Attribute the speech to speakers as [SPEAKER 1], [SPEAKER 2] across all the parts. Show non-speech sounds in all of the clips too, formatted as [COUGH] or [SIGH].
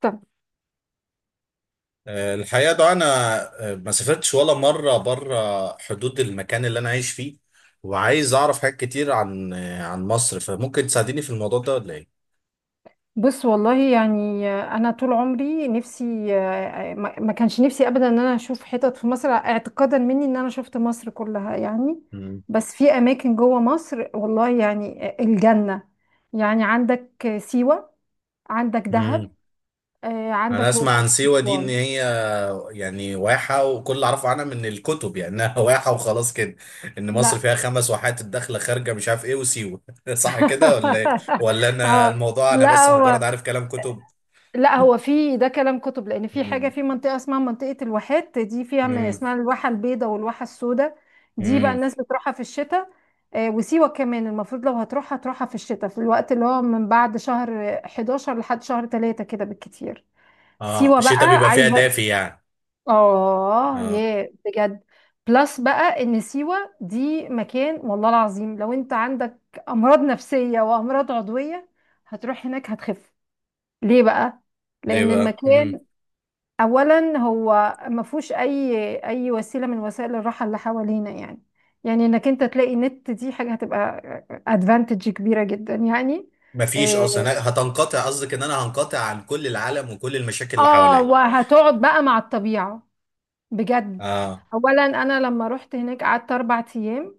[SPEAKER 1] طب،
[SPEAKER 2] الحقيقة ده أنا ما سافرتش ولا مرة بره حدود المكان اللي أنا عايش فيه، وعايز أعرف حاجات كتير عن عن مصر، فممكن تساعديني في الموضوع ده ولا إيه؟
[SPEAKER 1] بص والله يعني انا طول عمري نفسي، ما كانش نفسي ابدا ان انا اشوف حتت في مصر، اعتقادا مني ان انا شفت مصر كلها يعني.
[SPEAKER 2] مم.
[SPEAKER 1] بس في اماكن جوه مصر والله يعني الجنة. يعني عندك سيوة، عندك دهب،
[SPEAKER 2] مم. أنا
[SPEAKER 1] عندك
[SPEAKER 2] أسمع
[SPEAKER 1] الاقصر
[SPEAKER 2] عن سيوة دي إن
[SPEAKER 1] واسوان.
[SPEAKER 2] هي يعني واحة، وكل اللي أعرفه عنها من الكتب يعني إنها [LAUGHS] واحة وخلاص كده. إن مصر
[SPEAKER 1] لا،
[SPEAKER 2] فيها خمس واحات، الداخلة خارجة مش عارف إيه وسيوة [LAUGHS] صح كده ولا إيه؟
[SPEAKER 1] [LAUGHS]
[SPEAKER 2] ولا أنا
[SPEAKER 1] اه،
[SPEAKER 2] الموضوع، أنا
[SPEAKER 1] لا
[SPEAKER 2] بس مجرد
[SPEAKER 1] هو،
[SPEAKER 2] عارف كلام كتب؟
[SPEAKER 1] في ده كلام كتب، لان في حاجه
[SPEAKER 2] مم.
[SPEAKER 1] في منطقه اسمها منطقه الواحات دي فيها ما
[SPEAKER 2] مم.
[SPEAKER 1] اسمها الواحه البيضاء والواحه السوداء. دي بقى
[SPEAKER 2] مم.
[SPEAKER 1] الناس بتروحها في الشتاء. وسيوه كمان المفروض لو هتروحها تروحها في الشتاء، في الوقت اللي هو من بعد شهر 11 لحد شهر 3 كده بالكتير.
[SPEAKER 2] آه،
[SPEAKER 1] سيوه بقى إيه
[SPEAKER 2] الشتاء
[SPEAKER 1] ده؟
[SPEAKER 2] بيبقى فيها
[SPEAKER 1] عايزه،
[SPEAKER 2] دافي يعني.
[SPEAKER 1] اه
[SPEAKER 2] آه.
[SPEAKER 1] يا بجد. بلس بقى ان سيوه دي مكان، والله العظيم لو انت عندك امراض نفسيه وامراض عضويه هتروح هناك هتخف. ليه بقى؟
[SPEAKER 2] ليه
[SPEAKER 1] لان
[SPEAKER 2] بقى؟ مم.
[SPEAKER 1] المكان اولا هو ما فيهوش اي وسيله من وسائل الراحه اللي حوالينا يعني. يعني انك انت تلاقي نت، دي حاجه هتبقى ادفانتج كبيره جدا يعني.
[SPEAKER 2] مفيش
[SPEAKER 1] إيه،
[SPEAKER 2] اصلا، هتنقطع. قصدك ان انا هنقطع عن كل العالم وكل المشاكل اللي
[SPEAKER 1] اه
[SPEAKER 2] حواليا.
[SPEAKER 1] وهتقعد بقى مع الطبيعه بجد.
[SPEAKER 2] اه،
[SPEAKER 1] اولا انا لما رحت هناك قعدت 4 ايام.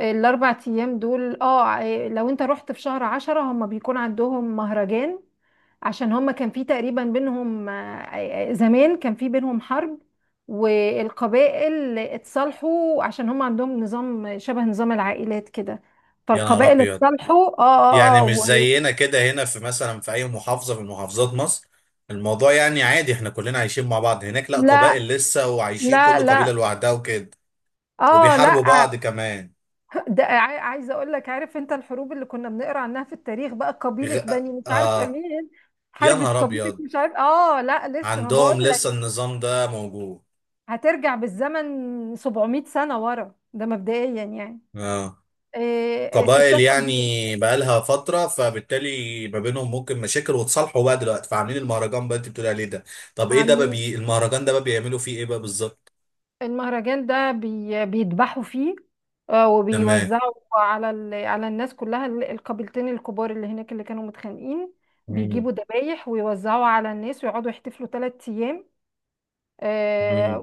[SPEAKER 1] الاربع ايام دول اه، لو انت رحت في شهر 10 هم بيكون عندهم مهرجان. عشان هم كان في تقريبا بينهم، زمان كان في بينهم حرب، والقبائل اتصالحوا، عشان هم عندهم نظام شبه نظام العائلات كده.
[SPEAKER 2] يا نهار
[SPEAKER 1] فالقبائل
[SPEAKER 2] ابيض.
[SPEAKER 1] اتصالحوا،
[SPEAKER 2] يعني مش
[SPEAKER 1] و-،
[SPEAKER 2] زينا كده هنا في مثلا في اي محافظه من محافظات مصر، الموضوع يعني عادي، احنا كلنا عايشين مع بعض. هناك لا،
[SPEAKER 1] لا
[SPEAKER 2] قبائل لسه وعايشين
[SPEAKER 1] لا
[SPEAKER 2] كل قبيله
[SPEAKER 1] لا،
[SPEAKER 2] لوحدها وكده،
[SPEAKER 1] اه لا،
[SPEAKER 2] وبيحاربوا بعض كمان.
[SPEAKER 1] ده عايزه اقول لك، عارف انت الحروب اللي كنا بنقرا عنها في التاريخ؟ بقى
[SPEAKER 2] غ...
[SPEAKER 1] قبيله بني مش عارفه
[SPEAKER 2] اه،
[SPEAKER 1] مين
[SPEAKER 2] يا
[SPEAKER 1] حربه
[SPEAKER 2] نهار
[SPEAKER 1] قبيله
[SPEAKER 2] ابيض.
[SPEAKER 1] مش عارف، اه لا لسه ما بقول
[SPEAKER 2] عندهم
[SPEAKER 1] لك،
[SPEAKER 2] لسه النظام ده موجود.
[SPEAKER 1] هترجع بالزمن 700 سنه ورا، ده مبدئيا يعني.
[SPEAKER 2] اه،
[SPEAKER 1] إيه إيه،
[SPEAKER 2] قبائل
[SPEAKER 1] ستاتهم
[SPEAKER 2] يعني، بقالها فترة، فبالتالي ما بينهم ممكن مشاكل، وتصالحوا بقى دلوقتي فعاملين المهرجان بقى انت بتقولي عليه ده. طب ايه ده بقى
[SPEAKER 1] عاملين
[SPEAKER 2] المهرجان ده بقى بيعملوا فيه ايه بقى بالظبط؟
[SPEAKER 1] المهرجان ده، بيذبحوا فيه،
[SPEAKER 2] تمام.
[SPEAKER 1] وبيوزعوا على على الناس كلها، القبيلتين الكبار اللي هناك اللي كانوا متخانقين.
[SPEAKER 2] مم.
[SPEAKER 1] بيجيبوا ذبايح ويوزعوا على الناس ويقعدوا يحتفلوا 3 ايام،
[SPEAKER 2] مم.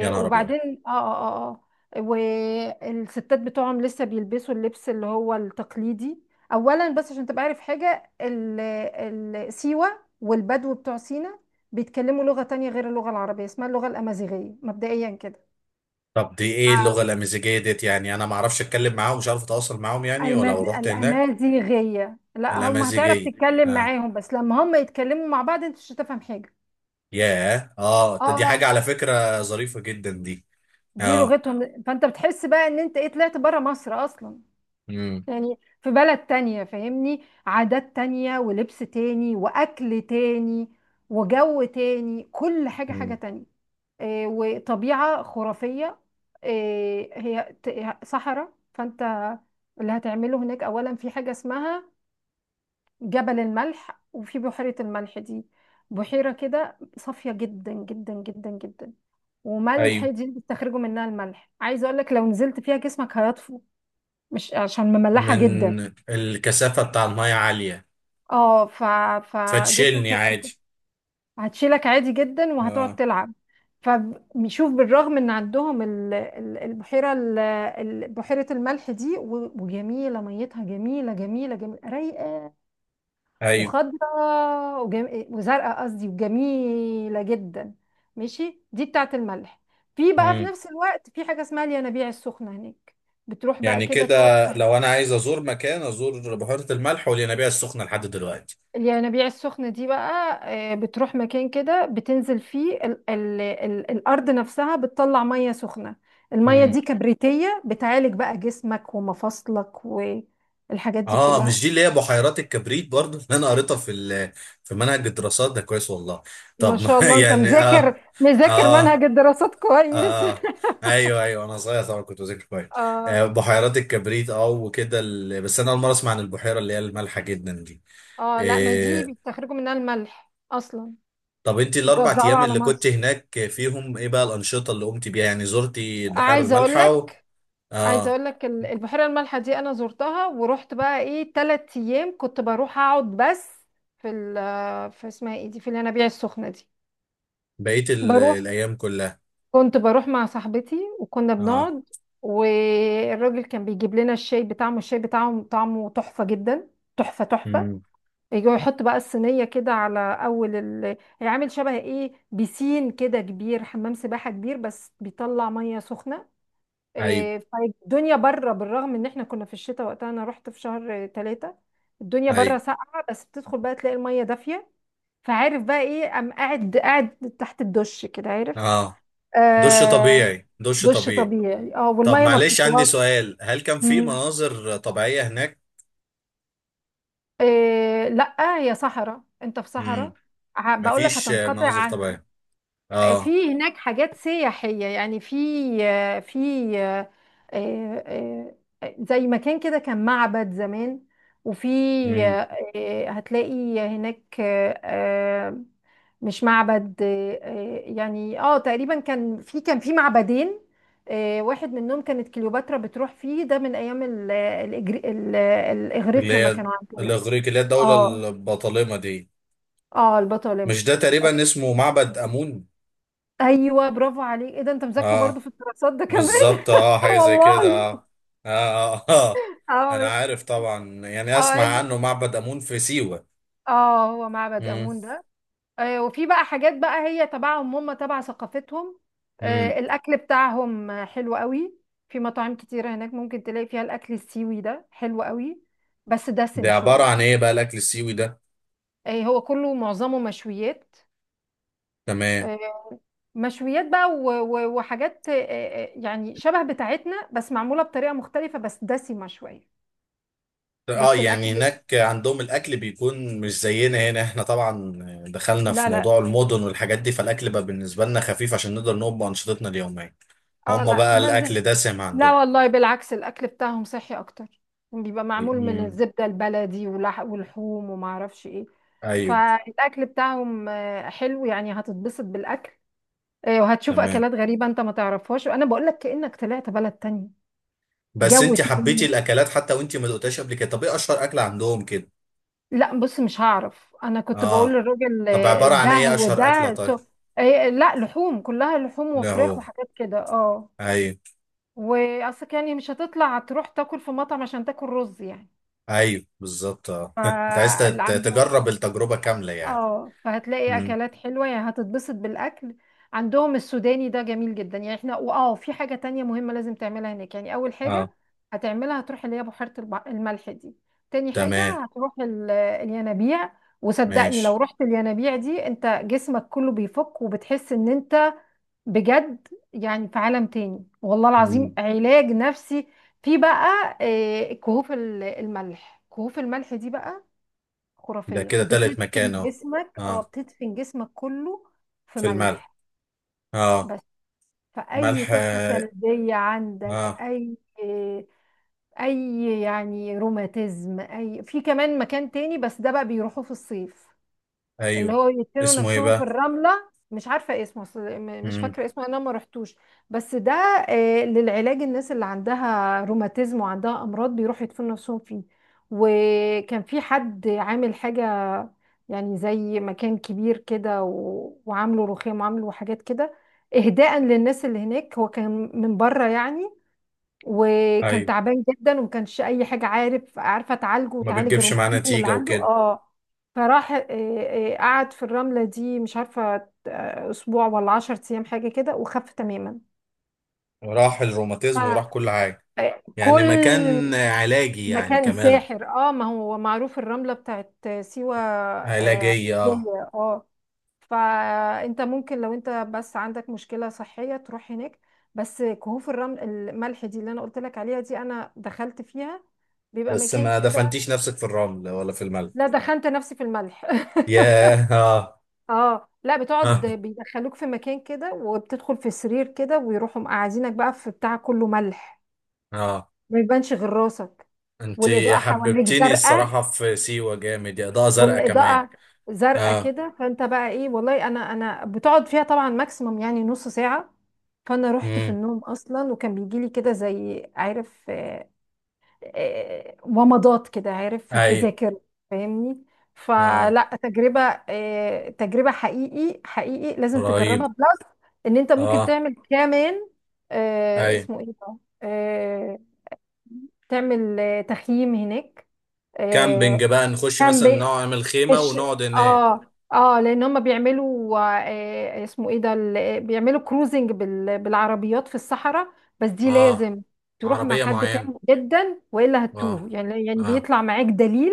[SPEAKER 2] يا نهار ابيض.
[SPEAKER 1] وبعدين اه اه اه اه. والستات بتوعهم لسه بيلبسوا اللبس اللي هو التقليدي. اولا بس عشان تبقى عارف حاجة، سيوة والبدو بتوع سينا بيتكلموا لغة تانية غير اللغة العربية، اسمها اللغة الأمازيغية، مبدئيا كده.
[SPEAKER 2] طب دي ايه اللغة
[SPEAKER 1] آه،
[SPEAKER 2] الأمازيغية ديت؟ يعني انا ما اعرفش اتكلم معاهم، مش عارف اتواصل معاهم يعني، ولو رحت هناك؟
[SPEAKER 1] الأمازيغية، لا هم هتعرف
[SPEAKER 2] الأمازيغية.
[SPEAKER 1] تتكلم
[SPEAKER 2] اه.
[SPEAKER 1] معاهم، بس لما هم يتكلموا مع بعض انت مش هتفهم حاجة.
[SPEAKER 2] ياه، اه،
[SPEAKER 1] اه.
[SPEAKER 2] دي حاجة
[SPEAKER 1] آه،
[SPEAKER 2] على فكرة ظريفة جدا دي.
[SPEAKER 1] دي
[SPEAKER 2] اه.
[SPEAKER 1] لغتهم، فانت بتحس بقى ان انت ايه، طلعت بره مصر اصلا،
[SPEAKER 2] مم.
[SPEAKER 1] يعني في بلد تانية، فاهمني؟ عادات تانية ولبس تاني وأكل تاني وجو تاني، كل حاجة حاجة
[SPEAKER 2] مم.
[SPEAKER 1] تانية. إيه، وطبيعة خرافية. إيه هي صحراء، فأنت اللي هتعمله هناك أولا في حاجة اسمها جبل الملح، وفي بحيرة الملح دي. بحيرة كده صافية جدا جدا جدا جدا، وملح،
[SPEAKER 2] ايوه،
[SPEAKER 1] دي بتستخرجوا منها الملح. عايزة أقولك، لو نزلت فيها جسمك هيطفو، مش عشان مملحة جدا.
[SPEAKER 2] من الكثافة بتاع المية عالية،
[SPEAKER 1] اه، فجسمك
[SPEAKER 2] فتشيلني
[SPEAKER 1] هيبقى،
[SPEAKER 2] عادي.
[SPEAKER 1] هتشيلك عادي جدا وهتقعد
[SPEAKER 2] اه.
[SPEAKER 1] تلعب. فبيشوف بالرغم ان عندهم البحيره، بحيره الملح دي، وجميله، ميتها جميله جميله جميله رايقه
[SPEAKER 2] ايوه.
[SPEAKER 1] وخضراء، وزرقاء قصدي، وجميله جدا. ماشي، دي بتاعت الملح. في بقى، في
[SPEAKER 2] امم.
[SPEAKER 1] نفس الوقت، في حاجه اسمها الينابيع السخنه هناك، بتروح بقى
[SPEAKER 2] يعني
[SPEAKER 1] كده
[SPEAKER 2] كده،
[SPEAKER 1] تقعد.
[SPEAKER 2] لو انا عايز ازور مكان، ازور بحيرة الملح والينابيع السخنة لحد دلوقتي.
[SPEAKER 1] الينابيع السخنة دي بقى، بتروح مكان كده بتنزل فيه، ال ال ال الأرض نفسها بتطلع مية سخنة. المية
[SPEAKER 2] امم.
[SPEAKER 1] دي كبريتية، بتعالج بقى جسمك ومفاصلك والحاجات دي
[SPEAKER 2] اه،
[SPEAKER 1] كلها.
[SPEAKER 2] مش دي اللي هي بحيرات الكبريت برضو اللي انا قريتها في منهج الدراسات ده؟ كويس والله.
[SPEAKER 1] ما
[SPEAKER 2] طب ما
[SPEAKER 1] شاء
[SPEAKER 2] [LAUGHS]
[SPEAKER 1] الله انت
[SPEAKER 2] يعني اه.
[SPEAKER 1] مذاكر مذاكر
[SPEAKER 2] اه،
[SPEAKER 1] منهج الدراسات كويس.
[SPEAKER 2] اه. ايوه، ايوه، انا صغير طبعا كنت بذاكر كويس.
[SPEAKER 1] [LAUGHS] اه،
[SPEAKER 2] آه، بحيرات الكبريت اه، وكده بس انا اول مره اسمع عن البحيره اللي هي المالحه جدا دي.
[SPEAKER 1] اه لا، ما دي
[SPEAKER 2] آه،
[SPEAKER 1] بيستخرجوا منها الملح اصلا،
[SPEAKER 2] طب انت الاربع
[SPEAKER 1] بيوزعوه
[SPEAKER 2] ايام
[SPEAKER 1] على
[SPEAKER 2] اللي كنت
[SPEAKER 1] مصر.
[SPEAKER 2] هناك فيهم ايه بقى الانشطه اللي قمت بيها يعني؟ زرتي البحيره
[SPEAKER 1] عايزه اقول
[SPEAKER 2] المالحه
[SPEAKER 1] لك،
[SPEAKER 2] اه،
[SPEAKER 1] البحيره المالحه دي انا زرتها، ورحت بقى ايه 3 ايام، كنت بروح اقعد بس في في اسمها ايه دي، في الينابيع السخنه دي.
[SPEAKER 2] بقيت
[SPEAKER 1] بروح
[SPEAKER 2] الايام كلها.
[SPEAKER 1] كنت بروح مع صاحبتي وكنا
[SPEAKER 2] اه.
[SPEAKER 1] بنقعد، والراجل كان بيجيب لنا الشاي بتاعهم. الشاي بتاعهم طعمه تحفه جدا، تحفه تحفه.
[SPEAKER 2] امم.
[SPEAKER 1] يجي يحط بقى الصينيه كده على اول هي عامل شبه ايه، بيسين كده كبير، حمام سباحه كبير بس بيطلع ميه سخنه.
[SPEAKER 2] ايوه.
[SPEAKER 1] إيه، فالدنيا بره، بالرغم ان احنا كنا في الشتاء وقتها، انا رحت في شهر 3، الدنيا بره
[SPEAKER 2] ايوه.
[SPEAKER 1] ساقعة، بس بتدخل بقى تلاقي المية دافية. فعارف بقى ايه؟ قام قاعد تحت الدش كده، عارف؟
[SPEAKER 2] اه. دش
[SPEAKER 1] آه.
[SPEAKER 2] طبيعي، دش
[SPEAKER 1] دش
[SPEAKER 2] طبيعي.
[SPEAKER 1] طبيعي، اه
[SPEAKER 2] طب
[SPEAKER 1] والمية ما
[SPEAKER 2] معلش، عندي
[SPEAKER 1] بتطلعش.
[SPEAKER 2] سؤال، هل كان في
[SPEAKER 1] مم.
[SPEAKER 2] مناظر طبيعيه هناك؟
[SPEAKER 1] إيه لا، هي صحراء، انت في
[SPEAKER 2] امم.
[SPEAKER 1] صحراء. بقول لك
[SPEAKER 2] مفيش
[SPEAKER 1] هتنقطع.
[SPEAKER 2] مناظر طبيعيه. اه.
[SPEAKER 1] في هناك حاجات سياحية يعني، في آه، في آه، آه، آه، زي مكان كده كان معبد زمان. وفي
[SPEAKER 2] امم.
[SPEAKER 1] آه، آه، هتلاقي هناك، مش معبد، يعني اه تقريبا كان في، كان في معبدين. واحد منهم كانت كليوباترا بتروح فيه، ده من ايام
[SPEAKER 2] اللي
[SPEAKER 1] الاغريق لما
[SPEAKER 2] هي
[SPEAKER 1] كانوا عندنا.
[SPEAKER 2] الاغريق، اللي هي الدوله
[SPEAKER 1] اه،
[SPEAKER 2] البطالمه دي.
[SPEAKER 1] اه البطالمة.
[SPEAKER 2] مش ده تقريبا اسمه معبد امون؟
[SPEAKER 1] ايوه برافو عليك، ايه ده؟ انت مذاكره برضو
[SPEAKER 2] اه،
[SPEAKER 1] في الدراسات ده كمان.
[SPEAKER 2] بالظبط، اه،
[SPEAKER 1] آه
[SPEAKER 2] حاجة زي كده،
[SPEAKER 1] والله.
[SPEAKER 2] اه. اه، اه. آه. [LAUGHS] انا
[SPEAKER 1] اه
[SPEAKER 2] عارف طبعا، يعني اسمع
[SPEAKER 1] اه
[SPEAKER 2] عنه معبد امون في سيوة.
[SPEAKER 1] اه، هو معبد
[SPEAKER 2] امم.
[SPEAKER 1] امون ده. وفي بقى حاجات بقى هي تبعهم، هم تبع ثقافتهم.
[SPEAKER 2] امم.
[SPEAKER 1] الاكل بتاعهم حلو قوي. في مطاعم كتيره هناك ممكن تلاقي فيها الاكل السيوي ده، حلو قوي بس دسم
[SPEAKER 2] ده عبارة
[SPEAKER 1] شويه.
[SPEAKER 2] عن ايه بقى الاكل السيوي ده؟
[SPEAKER 1] هو كله معظمه مشويات.
[SPEAKER 2] تمام.
[SPEAKER 1] آه، مشويات بقى وحاجات، يعني شبه بتاعتنا بس معموله بطريقه مختلفه، بس دسمه شويه.
[SPEAKER 2] اه،
[SPEAKER 1] بس
[SPEAKER 2] يعني
[SPEAKER 1] الاكل،
[SPEAKER 2] هناك عندهم الاكل بيكون مش زينا هنا احنا طبعا، دخلنا في
[SPEAKER 1] لا لا
[SPEAKER 2] موضوع المدن والحاجات دي، فالاكل بقى بالنسبة لنا خفيف عشان نقدر نقوم بانشطتنا اليومية.
[SPEAKER 1] اه
[SPEAKER 2] هما
[SPEAKER 1] لا
[SPEAKER 2] بقى
[SPEAKER 1] ما،
[SPEAKER 2] الاكل دسم
[SPEAKER 1] لا
[SPEAKER 2] عندهم؟
[SPEAKER 1] والله بالعكس، الاكل بتاعهم صحي اكتر يعني، بيبقى معمول من
[SPEAKER 2] امم.
[SPEAKER 1] الزبده البلدي ولح ولحوم وما اعرفش ايه.
[SPEAKER 2] ايوه.
[SPEAKER 1] فالاكل بتاعهم حلو يعني، هتتبسط بالاكل. وهتشوف
[SPEAKER 2] تمام.
[SPEAKER 1] اكلات غريبه انت ما تعرفهاش، وانا بقول لك كانك طلعت بلد تانية،
[SPEAKER 2] بس
[SPEAKER 1] جو
[SPEAKER 2] انت حبيتي
[SPEAKER 1] تاني.
[SPEAKER 2] الاكلات حتى وانت ما دقتهاش قبل كده؟ طب ايه اشهر اكل عندهم كده؟
[SPEAKER 1] لا بص، مش هعرف، انا كنت بقول
[SPEAKER 2] اه.
[SPEAKER 1] للراجل،
[SPEAKER 2] طب عبارة عن
[SPEAKER 1] ده
[SPEAKER 2] ايه
[SPEAKER 1] وده
[SPEAKER 2] اشهر اكلة
[SPEAKER 1] سو،
[SPEAKER 2] طيب؟
[SPEAKER 1] لا لحوم، كلها لحوم
[SPEAKER 2] لا
[SPEAKER 1] وفراخ
[SPEAKER 2] هو.
[SPEAKER 1] وحاجات كده، اه
[SPEAKER 2] ايوه،
[SPEAKER 1] واصل يعني. مش هتطلع تروح تاكل في مطعم عشان تاكل رز يعني.
[SPEAKER 2] ايوه، بالظبط، اه. [LAUGHS] انت عايز
[SPEAKER 1] فاللي،
[SPEAKER 2] تجرب التجربة كاملة يعني.
[SPEAKER 1] اه فهتلاقي
[SPEAKER 2] امم.
[SPEAKER 1] اكلات حلوه يعني، هتتبسط بالاكل. عندهم السوداني ده جميل جدا يعني، احنا، واه في حاجه تانية مهمه لازم تعملها هناك. يعني اول حاجه
[SPEAKER 2] اه.
[SPEAKER 1] هتعملها هتروح اللي هي بحيره الملح دي. تاني حاجه
[SPEAKER 2] تمام.
[SPEAKER 1] هتروح الينابيع، وصدقني لو
[SPEAKER 2] ماشي.
[SPEAKER 1] رحت الينابيع دي انت جسمك كله بيفك، وبتحس ان انت، بجد يعني في عالم تاني، والله العظيم
[SPEAKER 2] مم.
[SPEAKER 1] علاج نفسي. في بقى كهوف الملح، كهوف الملح دي بقى
[SPEAKER 2] ده
[SPEAKER 1] خرافية،
[SPEAKER 2] كده تالت مكان
[SPEAKER 1] بتدفن
[SPEAKER 2] اهو.
[SPEAKER 1] جسمك، اه
[SPEAKER 2] اه.
[SPEAKER 1] بتدفن جسمك كله في
[SPEAKER 2] في الملح.
[SPEAKER 1] ملح
[SPEAKER 2] اه.
[SPEAKER 1] بس. فأي
[SPEAKER 2] ملح،
[SPEAKER 1] طاقة
[SPEAKER 2] اه.
[SPEAKER 1] سلبية عندك،
[SPEAKER 2] آه،
[SPEAKER 1] أي، أي يعني روماتيزم، أي. في كمان مكان تاني بس ده بقى بيروحوا في الصيف، اللي
[SPEAKER 2] ايوه.
[SPEAKER 1] هو يدفنوا
[SPEAKER 2] اسمه ايه
[SPEAKER 1] نفسهم في
[SPEAKER 2] بقى؟
[SPEAKER 1] الرملة. مش عارفة اسمه، مش
[SPEAKER 2] امم.
[SPEAKER 1] فاكرة اسمه، انا ما رحتوش. بس ده للعلاج، الناس اللي عندها روماتيزم وعندها امراض بيروحوا يدفنوا نفسهم فيه. وكان في حد عامل حاجة، يعني زي مكان كبير كده، وعامله رخام وعامله حاجات كده، اهداء للناس اللي هناك. هو كان من بره يعني، وكان
[SPEAKER 2] ايوه.
[SPEAKER 1] تعبان جدا وما كانش اي حاجه عارف عارفه تعالجه
[SPEAKER 2] ما
[SPEAKER 1] وتعالج
[SPEAKER 2] بتجيبش معاه
[SPEAKER 1] الروماتيزم اللي
[SPEAKER 2] نتيجة
[SPEAKER 1] عنده،
[SPEAKER 2] وكده.
[SPEAKER 1] اه. فراح، قعد في الرمله دي، مش عارفه، اسبوع ولا 10 ايام حاجه كده، وخف تماما.
[SPEAKER 2] وراح الروماتيزم وراح
[SPEAKER 1] ف-
[SPEAKER 2] كل حاجة. يعني
[SPEAKER 1] كل
[SPEAKER 2] مكان علاجي يعني
[SPEAKER 1] مكان
[SPEAKER 2] كمان.
[SPEAKER 1] ساحر، اه ما هو معروف الرمله بتاعت سيوه، اه
[SPEAKER 2] علاجية، اه.
[SPEAKER 1] علاجية، آه. فانت ممكن لو انت بس عندك مشكلة صحية تروح هناك. بس كهوف الرمل الملح دي اللي انا قلت لك عليها، دي انا دخلت فيها، بيبقى
[SPEAKER 2] بس
[SPEAKER 1] مكان
[SPEAKER 2] ما
[SPEAKER 1] كده.
[SPEAKER 2] دفنتيش نفسك في الرمل ولا في الملح؟
[SPEAKER 1] لا، دخلت نفسي في الملح.
[SPEAKER 2] ياه، اه.
[SPEAKER 1] [LAUGHS] اه لا، بتقعد،
[SPEAKER 2] اه،
[SPEAKER 1] بيدخلوك في مكان كده، وبتدخل في سرير كده ويروحوا مقعدينك بقى في بتاع كله ملح،
[SPEAKER 2] اه.
[SPEAKER 1] ما يبانش غير راسك،
[SPEAKER 2] انت
[SPEAKER 1] والاضاءة حواليك
[SPEAKER 2] حببتيني
[SPEAKER 1] زرقاء.
[SPEAKER 2] الصراحة في سيوة جامد، يا ضوء زرقاء كمان.
[SPEAKER 1] والاضاءه زرقاء
[SPEAKER 2] اه.
[SPEAKER 1] كده، فانت بقى ايه، والله انا بتقعد فيها طبعا ماكسيموم يعني نص ساعه. فانا رحت في
[SPEAKER 2] امم.
[SPEAKER 1] النوم اصلا، وكان بيجي لي كده زي، عارف، ومضات كده، عارف، في
[SPEAKER 2] اي.
[SPEAKER 1] ذاكرة، فاهمني؟
[SPEAKER 2] اه.
[SPEAKER 1] فلا، تجربة، تجربة حقيقي حقيقي لازم
[SPEAKER 2] رهيب.
[SPEAKER 1] تجربها بلس، ان انت ممكن
[SPEAKER 2] اه.
[SPEAKER 1] تعمل كمان،
[SPEAKER 2] اي.
[SPEAKER 1] اسمه ايه ده، آه، تعمل تخييم هناك، آه،
[SPEAKER 2] كامبينج بقى، نخش مثلا
[SPEAKER 1] كامب،
[SPEAKER 2] نعمل خيمة
[SPEAKER 1] مش،
[SPEAKER 2] ونقعد هناك؟
[SPEAKER 1] اه اه، لان هم بيعملوا، آه اسمه ايه ده، بيعملوا كروزنج بالعربيات في الصحراء. بس دي
[SPEAKER 2] اه.
[SPEAKER 1] لازم تروح مع
[SPEAKER 2] عربية
[SPEAKER 1] حد
[SPEAKER 2] معينة؟
[SPEAKER 1] فاهم جدا والا
[SPEAKER 2] اه.
[SPEAKER 1] هتوه يعني، يعني
[SPEAKER 2] اه.
[SPEAKER 1] بيطلع معاك دليل،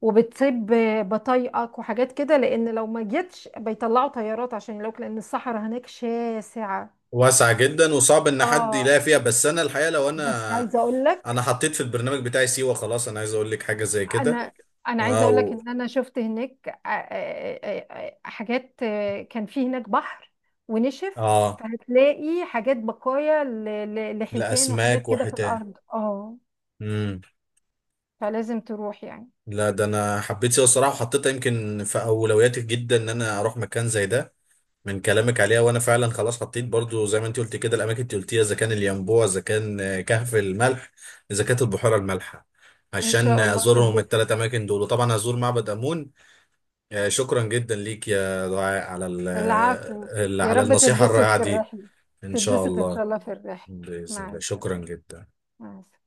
[SPEAKER 1] وبتسيب بطايقك وحاجات كده، لان لو ما جيتش بيطلعوا طيارات، عشان لو، لان الصحراء هناك شاسعة.
[SPEAKER 2] واسعة جدا، وصعب ان حد
[SPEAKER 1] اه.
[SPEAKER 2] يلاقي فيها، بس انا الحقيقة لو
[SPEAKER 1] بس
[SPEAKER 2] انا
[SPEAKER 1] عايزه اقول
[SPEAKER 2] انا
[SPEAKER 1] لك،
[SPEAKER 2] حطيت في البرنامج بتاعي سيوة خلاص، انا عايز اقول لك حاجة زي كده.
[SPEAKER 1] انا انا عايزه اقول لك
[SPEAKER 2] واو.
[SPEAKER 1] ان انا شفت هناك، حاجات، كان في هناك بحر ونشف،
[SPEAKER 2] اه.
[SPEAKER 1] فهتلاقي حاجات بقايا لحيتان وحاجات
[SPEAKER 2] الاسماك
[SPEAKER 1] كده في
[SPEAKER 2] وحيتان.
[SPEAKER 1] الارض، اه، فلازم تروح يعني.
[SPEAKER 2] لا، ده انا حبيت سيوة الصراحه، وحطيتها يمكن في اولوياتي جدا ان انا اروح مكان زي ده، من كلامك عليها، وانا فعلا خلاص حطيت برضو زي ما انت قلت كده الاماكن اللي قلتيها، اذا كان الينبوع، اذا كان كهف الملح، اذا كانت البحيره المالحه،
[SPEAKER 1] ان
[SPEAKER 2] عشان
[SPEAKER 1] شاء الله
[SPEAKER 2] ازورهم
[SPEAKER 1] تتبسط.
[SPEAKER 2] الثلاث اماكن دول، وطبعا هزور معبد امون. شكرا جدا ليك يا دعاء على
[SPEAKER 1] العفو. يا
[SPEAKER 2] على
[SPEAKER 1] رب
[SPEAKER 2] النصيحه
[SPEAKER 1] تتبسط
[SPEAKER 2] الرائعه
[SPEAKER 1] في
[SPEAKER 2] دي.
[SPEAKER 1] الرحله،
[SPEAKER 2] ان شاء
[SPEAKER 1] تتبسط ان
[SPEAKER 2] الله.
[SPEAKER 1] شاء الله في الرحله.
[SPEAKER 2] باذن
[SPEAKER 1] مع
[SPEAKER 2] الله،
[SPEAKER 1] السلامه،
[SPEAKER 2] شكرا جدا.
[SPEAKER 1] مع السلامه.